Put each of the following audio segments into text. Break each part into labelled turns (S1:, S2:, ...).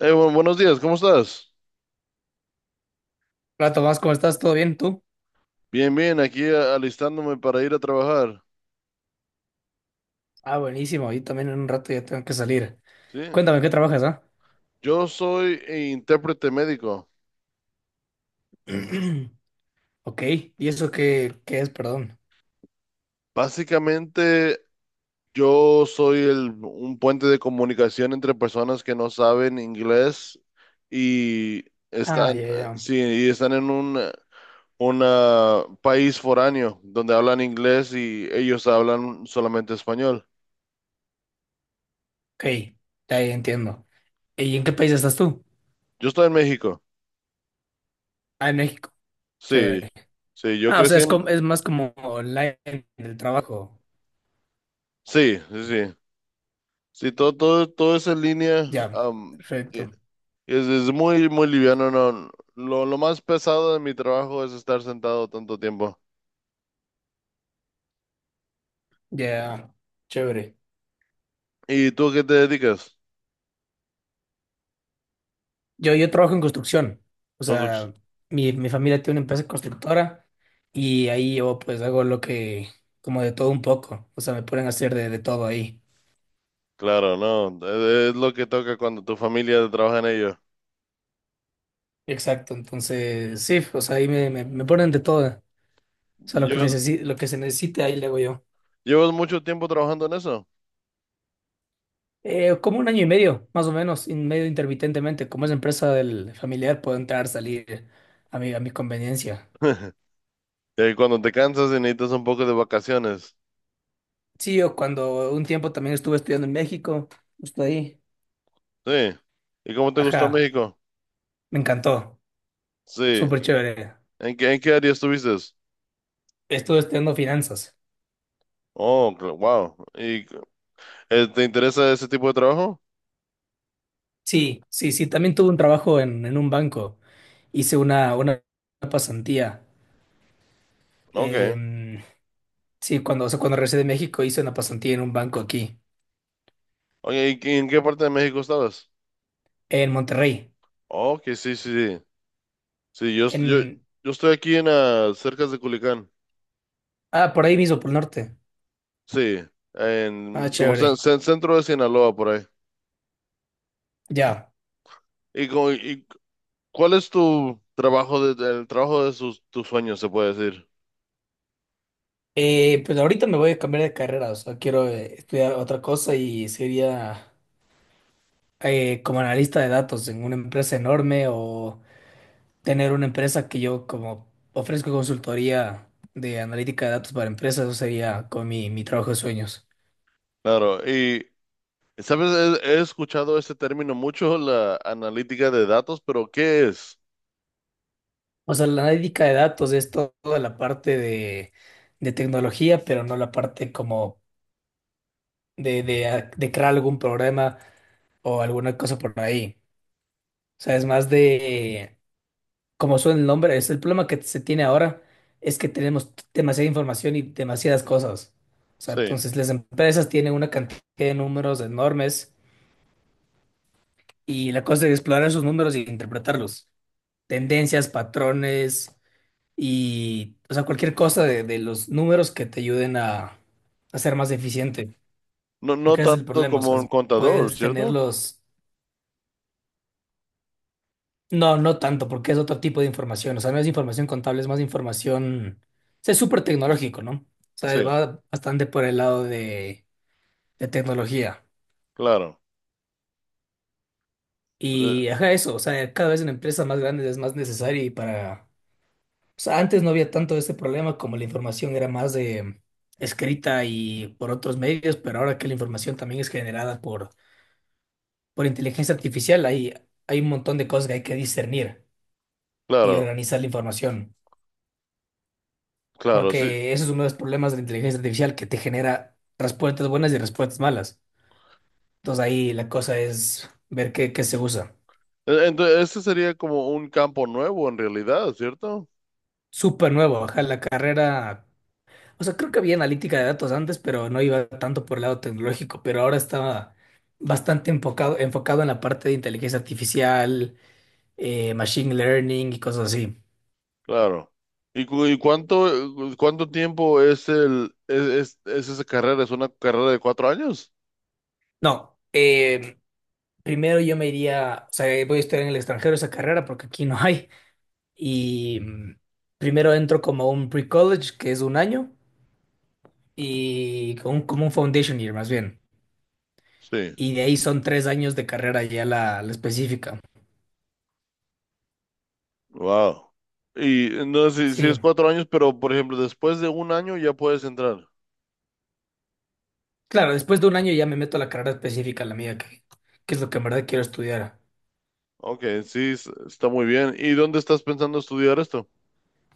S1: Buenos días, ¿cómo estás?
S2: Hola Tomás, ¿cómo estás? ¿Todo bien? ¿Tú?
S1: Bien, bien, aquí alistándome para ir a trabajar,
S2: Ah, buenísimo. Yo también en un rato ya tengo que salir.
S1: ¿sí?
S2: Cuéntame, ¿qué trabajas, ah?
S1: Yo soy intérprete médico.
S2: Ok, ¿y eso qué es? Perdón.
S1: Básicamente, yo soy un puente de comunicación entre personas que no saben inglés y
S2: Ah,
S1: están,
S2: ya, ya.
S1: sí, y están en un una país foráneo donde hablan inglés y ellos hablan solamente español.
S2: Ok, ya, ya entiendo. ¿Y en qué país estás tú?
S1: Yo estoy en México.
S2: Ah, en México.
S1: Sí,
S2: Chévere.
S1: sí, yo
S2: Ah, o sea,
S1: crecí
S2: es, como,
S1: en...
S2: es más como online el trabajo.
S1: Sí, sí, sí. Sí, todo es en línea.
S2: Ya,
S1: Y
S2: perfecto.
S1: es muy, muy liviano, no. Lo más pesado de mi trabajo es estar sentado tanto tiempo.
S2: Ya, chévere.
S1: ¿Y tú a qué te dedicas?
S2: Yo trabajo en construcción. O
S1: Construc-
S2: sea, mi familia tiene una empresa constructora y ahí yo pues hago lo que, como de todo un poco. O sea, me ponen a hacer de todo ahí.
S1: Claro, no. Es lo que toca cuando tu familia trabaja en ello.
S2: Exacto. Entonces, sí, o sea, ahí me ponen de todo. O sea,
S1: ¿Llevas,
S2: lo que se necesite ahí le hago yo.
S1: llevas mucho tiempo trabajando en eso?
S2: Como un año y medio, más o menos, y medio intermitentemente. Como es empresa del familiar, puedo entrar, salir a mi conveniencia.
S1: Cuando te cansas y necesitas un poco de vacaciones.
S2: Sí, yo cuando un tiempo también estuve estudiando en México, justo ahí.
S1: Sí. ¿Y cómo te gustó
S2: Ajá,
S1: México?
S2: me encantó.
S1: Sí.
S2: Súper chévere.
S1: ¿En qué área estuviste?
S2: Estuve estudiando finanzas.
S1: Oh, wow. ¿Y te interesa ese tipo de trabajo?
S2: Sí, sí, sí. También tuve un trabajo en un banco. Hice una pasantía.
S1: Ok.
S2: Em, sí, cuando, o sea, cuando regresé de México hice una pasantía en un banco aquí,
S1: Oye, ¿y en qué parte de México estabas?
S2: en Monterrey.
S1: Oh, que sí, sí, sí. Sí, yo, yo,
S2: En,
S1: yo estoy aquí cerca de Culiacán.
S2: ah, por ahí mismo, por el norte.
S1: Sí, en
S2: Ah,
S1: como
S2: chévere.
S1: centro de Sinaloa por ahí.
S2: Ya.
S1: ¿Y cuál es tu trabajo el trabajo de tus sueños, se puede decir?
S2: Pues ahorita me voy a cambiar de carrera. O sea, quiero estudiar otra cosa y sería como analista de datos en una empresa enorme o tener una empresa que yo como ofrezco consultoría de analítica de datos para empresas, eso sería con mi trabajo de sueños.
S1: Claro, y sabes, he escuchado este término mucho, la analítica de datos, pero ¿qué es?
S2: O sea, la analítica de datos es toda la parte de tecnología, pero no la parte como de crear algún programa o alguna cosa por ahí. O sea, es más de, como suena el nombre, es el problema que se tiene ahora, es que tenemos demasiada información y demasiadas cosas. O sea,
S1: Sí.
S2: entonces las empresas tienen una cantidad de números enormes. Y la cosa es explorar esos números e interpretarlos. Tendencias, patrones y, o sea, cualquier cosa de los números que te ayuden a ser más eficiente.
S1: No, no
S2: Porque ese es el
S1: tanto
S2: problema, o
S1: como
S2: sea,
S1: un contador,
S2: puedes
S1: ¿cierto?
S2: tenerlos... No, no tanto, porque es otro tipo de información. O sea, no es información contable, es más información... o sea, es súper tecnológico, ¿no? O sea,
S1: Sí,
S2: va bastante por el lado de tecnología.
S1: claro. Eh,
S2: Y, ajá, eso, o sea, cada vez en empresas más grandes es más necesario y para... O sea, antes no había tanto ese problema como la información era más de escrita y por otros medios, pero ahora que la información también es generada por inteligencia artificial, hay un montón de cosas que hay que discernir y
S1: Claro,
S2: organizar la información,
S1: claro. Sí,
S2: porque ese es uno de los problemas de la inteligencia artificial que te genera respuestas buenas y respuestas malas. Entonces ahí la cosa es ver qué se usa.
S1: Entonces, este sería como un campo nuevo en realidad, ¿cierto?
S2: Súper nuevo, ajá, la carrera. O sea, creo que había analítica de datos antes, pero no iba tanto por el lado tecnológico, pero ahora estaba bastante enfocado en la parte de inteligencia artificial, machine learning y cosas así.
S1: Claro. ¿Y cuánto tiempo es esa carrera? ¿Es una carrera de 4 años?
S2: No, primero yo me iría, o sea, voy a estudiar en el extranjero esa carrera porque aquí no hay. Y primero entro como un pre-college, que es un año, y como un foundation year más bien.
S1: Sí.
S2: Y de ahí son 3 años de carrera ya la específica.
S1: Wow. Y no si es
S2: Sí.
S1: 4 años, pero por ejemplo, después de un año ya puedes entrar.
S2: Claro, después de un año ya me meto a la carrera específica, la mía, que es lo que en verdad quiero estudiar.
S1: Ok, sí, está muy bien. ¿Y dónde estás pensando estudiar esto?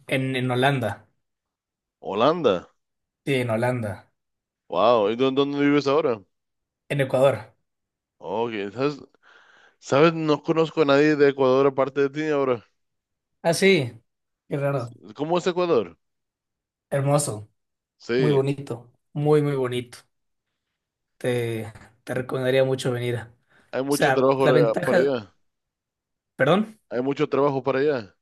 S2: En Holanda.
S1: Holanda.
S2: Sí, en Holanda.
S1: Wow. ¿Y dónde vives ahora?
S2: En Ecuador.
S1: Ok, ¿sabes? ¿Sabes? No conozco a nadie de Ecuador aparte de ti ahora.
S2: Ah, sí. Qué raro.
S1: ¿Cómo es Ecuador?
S2: Hermoso. Muy
S1: Sí.
S2: bonito. Muy, muy bonito. Te, te recomendaría mucho venir. O
S1: Hay mucho
S2: sea, la
S1: trabajo para
S2: ventaja.
S1: allá.
S2: Perdón.
S1: Hay mucho trabajo para allá.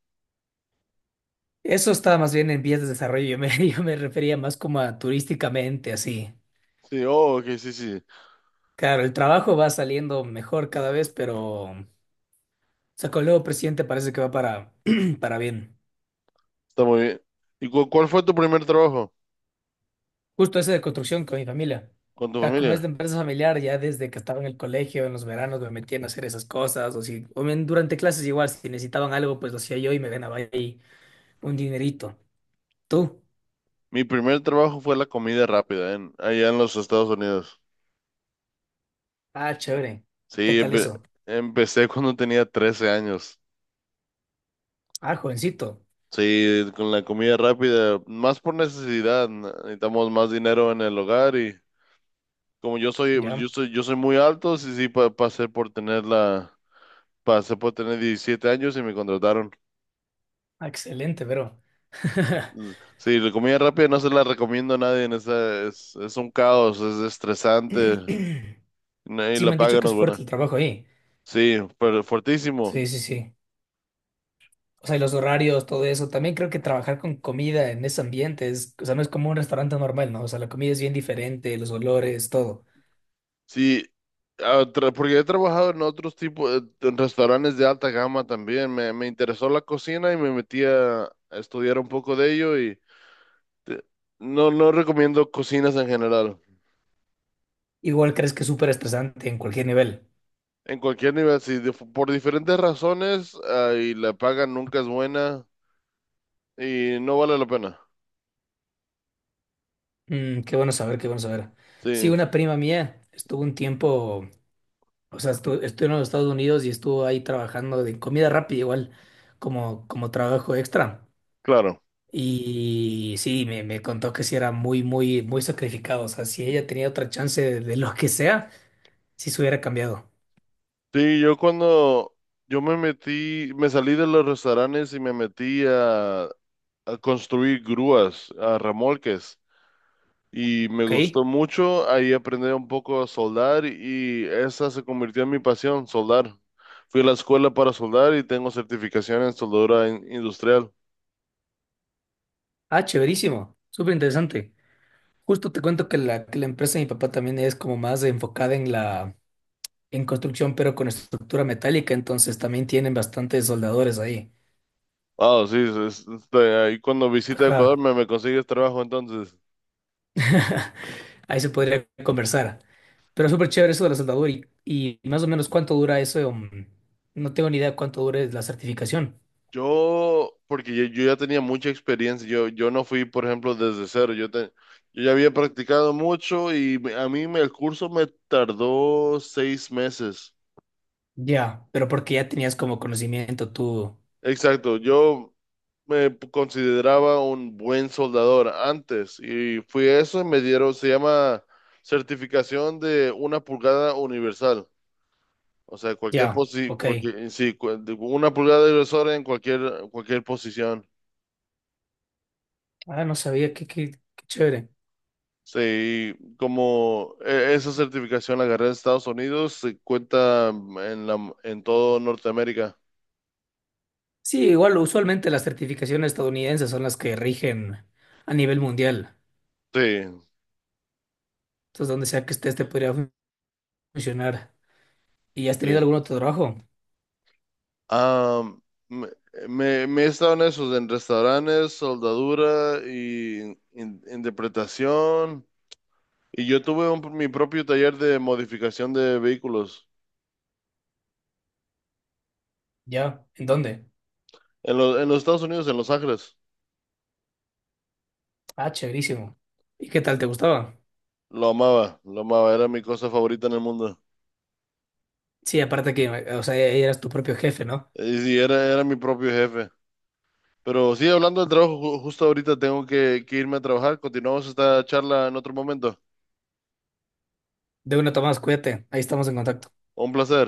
S2: Eso estaba más bien en vías de desarrollo. Yo me, yo me refería más como a turísticamente, así.
S1: Sí, oh, ok, sí, sí.
S2: Claro, el trabajo va saliendo mejor cada vez, pero. O sea, con el nuevo presidente parece que va para, para bien.
S1: Está muy bien. ¿Y cuál fue tu primer trabajo
S2: Justo ese de construcción con mi familia.
S1: con tu
S2: O sea, como es
S1: familia?
S2: de empresa familiar, ya desde que estaba en el colegio, en los veranos, me metían a no hacer esas cosas. O si, o bien durante clases igual, si necesitaban algo, pues lo hacía yo y me ganaba ahí un dinerito. ¿Tú?
S1: Mi primer trabajo fue la comida rápida allá en los Estados Unidos.
S2: Ah, chévere. ¿Qué
S1: Sí,
S2: tal eso?
S1: empecé cuando tenía 13 años.
S2: Ah, jovencito.
S1: Sí, con la comida rápida, más por necesidad. Necesitamos más dinero en el hogar y como yo soy, pues, yo
S2: Ya,
S1: soy, yo soy muy alto, sí, sí, pasé pasé por tener 17 años y me contrataron.
S2: ah, excelente, pero.
S1: Sí, la comida rápida no se la recomiendo a nadie. Es un caos, es estresante. Y
S2: Sí,
S1: la
S2: me han dicho
S1: paga
S2: que
S1: no es
S2: es fuerte
S1: buena.
S2: el trabajo ahí.
S1: Sí, pero fuertísimo.
S2: Sí, sí, sí. O sea, y los horarios, todo eso. También creo que trabajar con comida en ese ambiente es, o sea, no es como un restaurante normal, ¿no? O sea, la comida es bien diferente, los olores, todo.
S1: Sí, porque he trabajado en otros tipos, en restaurantes de alta gama también. Me interesó la cocina y me metí a estudiar un poco de ello. Te- no, no recomiendo cocinas en general.
S2: Igual crees que es súper estresante en cualquier nivel.
S1: En cualquier nivel, sí, por diferentes razones, y la paga nunca es buena y no vale la pena.
S2: Mm, qué bueno saber, qué bueno saber.
S1: Sí,
S2: Sí, una prima mía estuvo un tiempo, o sea, estuvo en los Estados Unidos y estuvo ahí trabajando de comida rápida, igual, como trabajo extra.
S1: claro.
S2: Y sí, me contó que sí era muy, muy, muy sacrificado. O sea, si ella tenía otra chance de lo que sea, sí se hubiera cambiado.
S1: Sí, yo cuando yo me metí, me salí de los restaurantes y me metí a construir grúas, a remolques, y me
S2: ¿Ok?
S1: gustó mucho. Ahí aprendí un poco a soldar y esa se convirtió en mi pasión, soldar. Fui a la escuela para soldar y tengo certificación en soldadura industrial.
S2: Ah, chéverísimo. Súper interesante. Justo te cuento que la empresa de mi papá también es como más enfocada en la en construcción, pero con estructura metálica, entonces también tienen bastantes soldadores ahí.
S1: Ah, sí, ahí cuando visita Ecuador
S2: Ajá.
S1: me consigues trabajo entonces.
S2: Ahí se podría conversar. Pero súper chévere eso de la soldadura y más o menos cuánto dura eso. No tengo ni idea cuánto dure la certificación.
S1: Porque yo ya tenía mucha experiencia, yo no fui, por ejemplo, desde cero, yo ya había practicado mucho y el curso me tardó 6 meses.
S2: Ya, pero porque ya tenías como conocimiento tú.
S1: Exacto, yo me consideraba un buen soldador antes y fui a eso y me dieron, se llama certificación de 1 pulgada universal, o sea,
S2: Ya, ok.
S1: sí, de 1 pulgada universal en cualquier posición.
S2: Ah, no sabía, qué chévere.
S1: Sí, como esa certificación la agarré en Estados Unidos, se cuenta en todo Norteamérica.
S2: Sí, igual usualmente las certificaciones estadounidenses son las que rigen a nivel mundial.
S1: Sí,
S2: Entonces, donde sea que estés, te podría funcionar. ¿Y has tenido
S1: sí.
S2: algún otro trabajo?
S1: Ah, me, me he estado en restaurantes, soldadura y interpretación. Y yo tuve mi propio taller de modificación de vehículos
S2: ¿Ya? ¿En dónde?
S1: en los Estados Unidos, en Los Ángeles.
S2: Ah, chéverísimo. ¿Y qué tal? ¿Te gustaba?
S1: Lo amaba, era mi cosa favorita en el mundo.
S2: Sí, aparte que, o sea, eras tu propio jefe, ¿no?
S1: Y, sí, era mi propio jefe. Pero sí, hablando del trabajo, justo ahorita tengo que irme a trabajar. Continuamos esta charla en otro momento.
S2: De una, Tomás, cuídate. Ahí estamos en contacto.
S1: Un placer.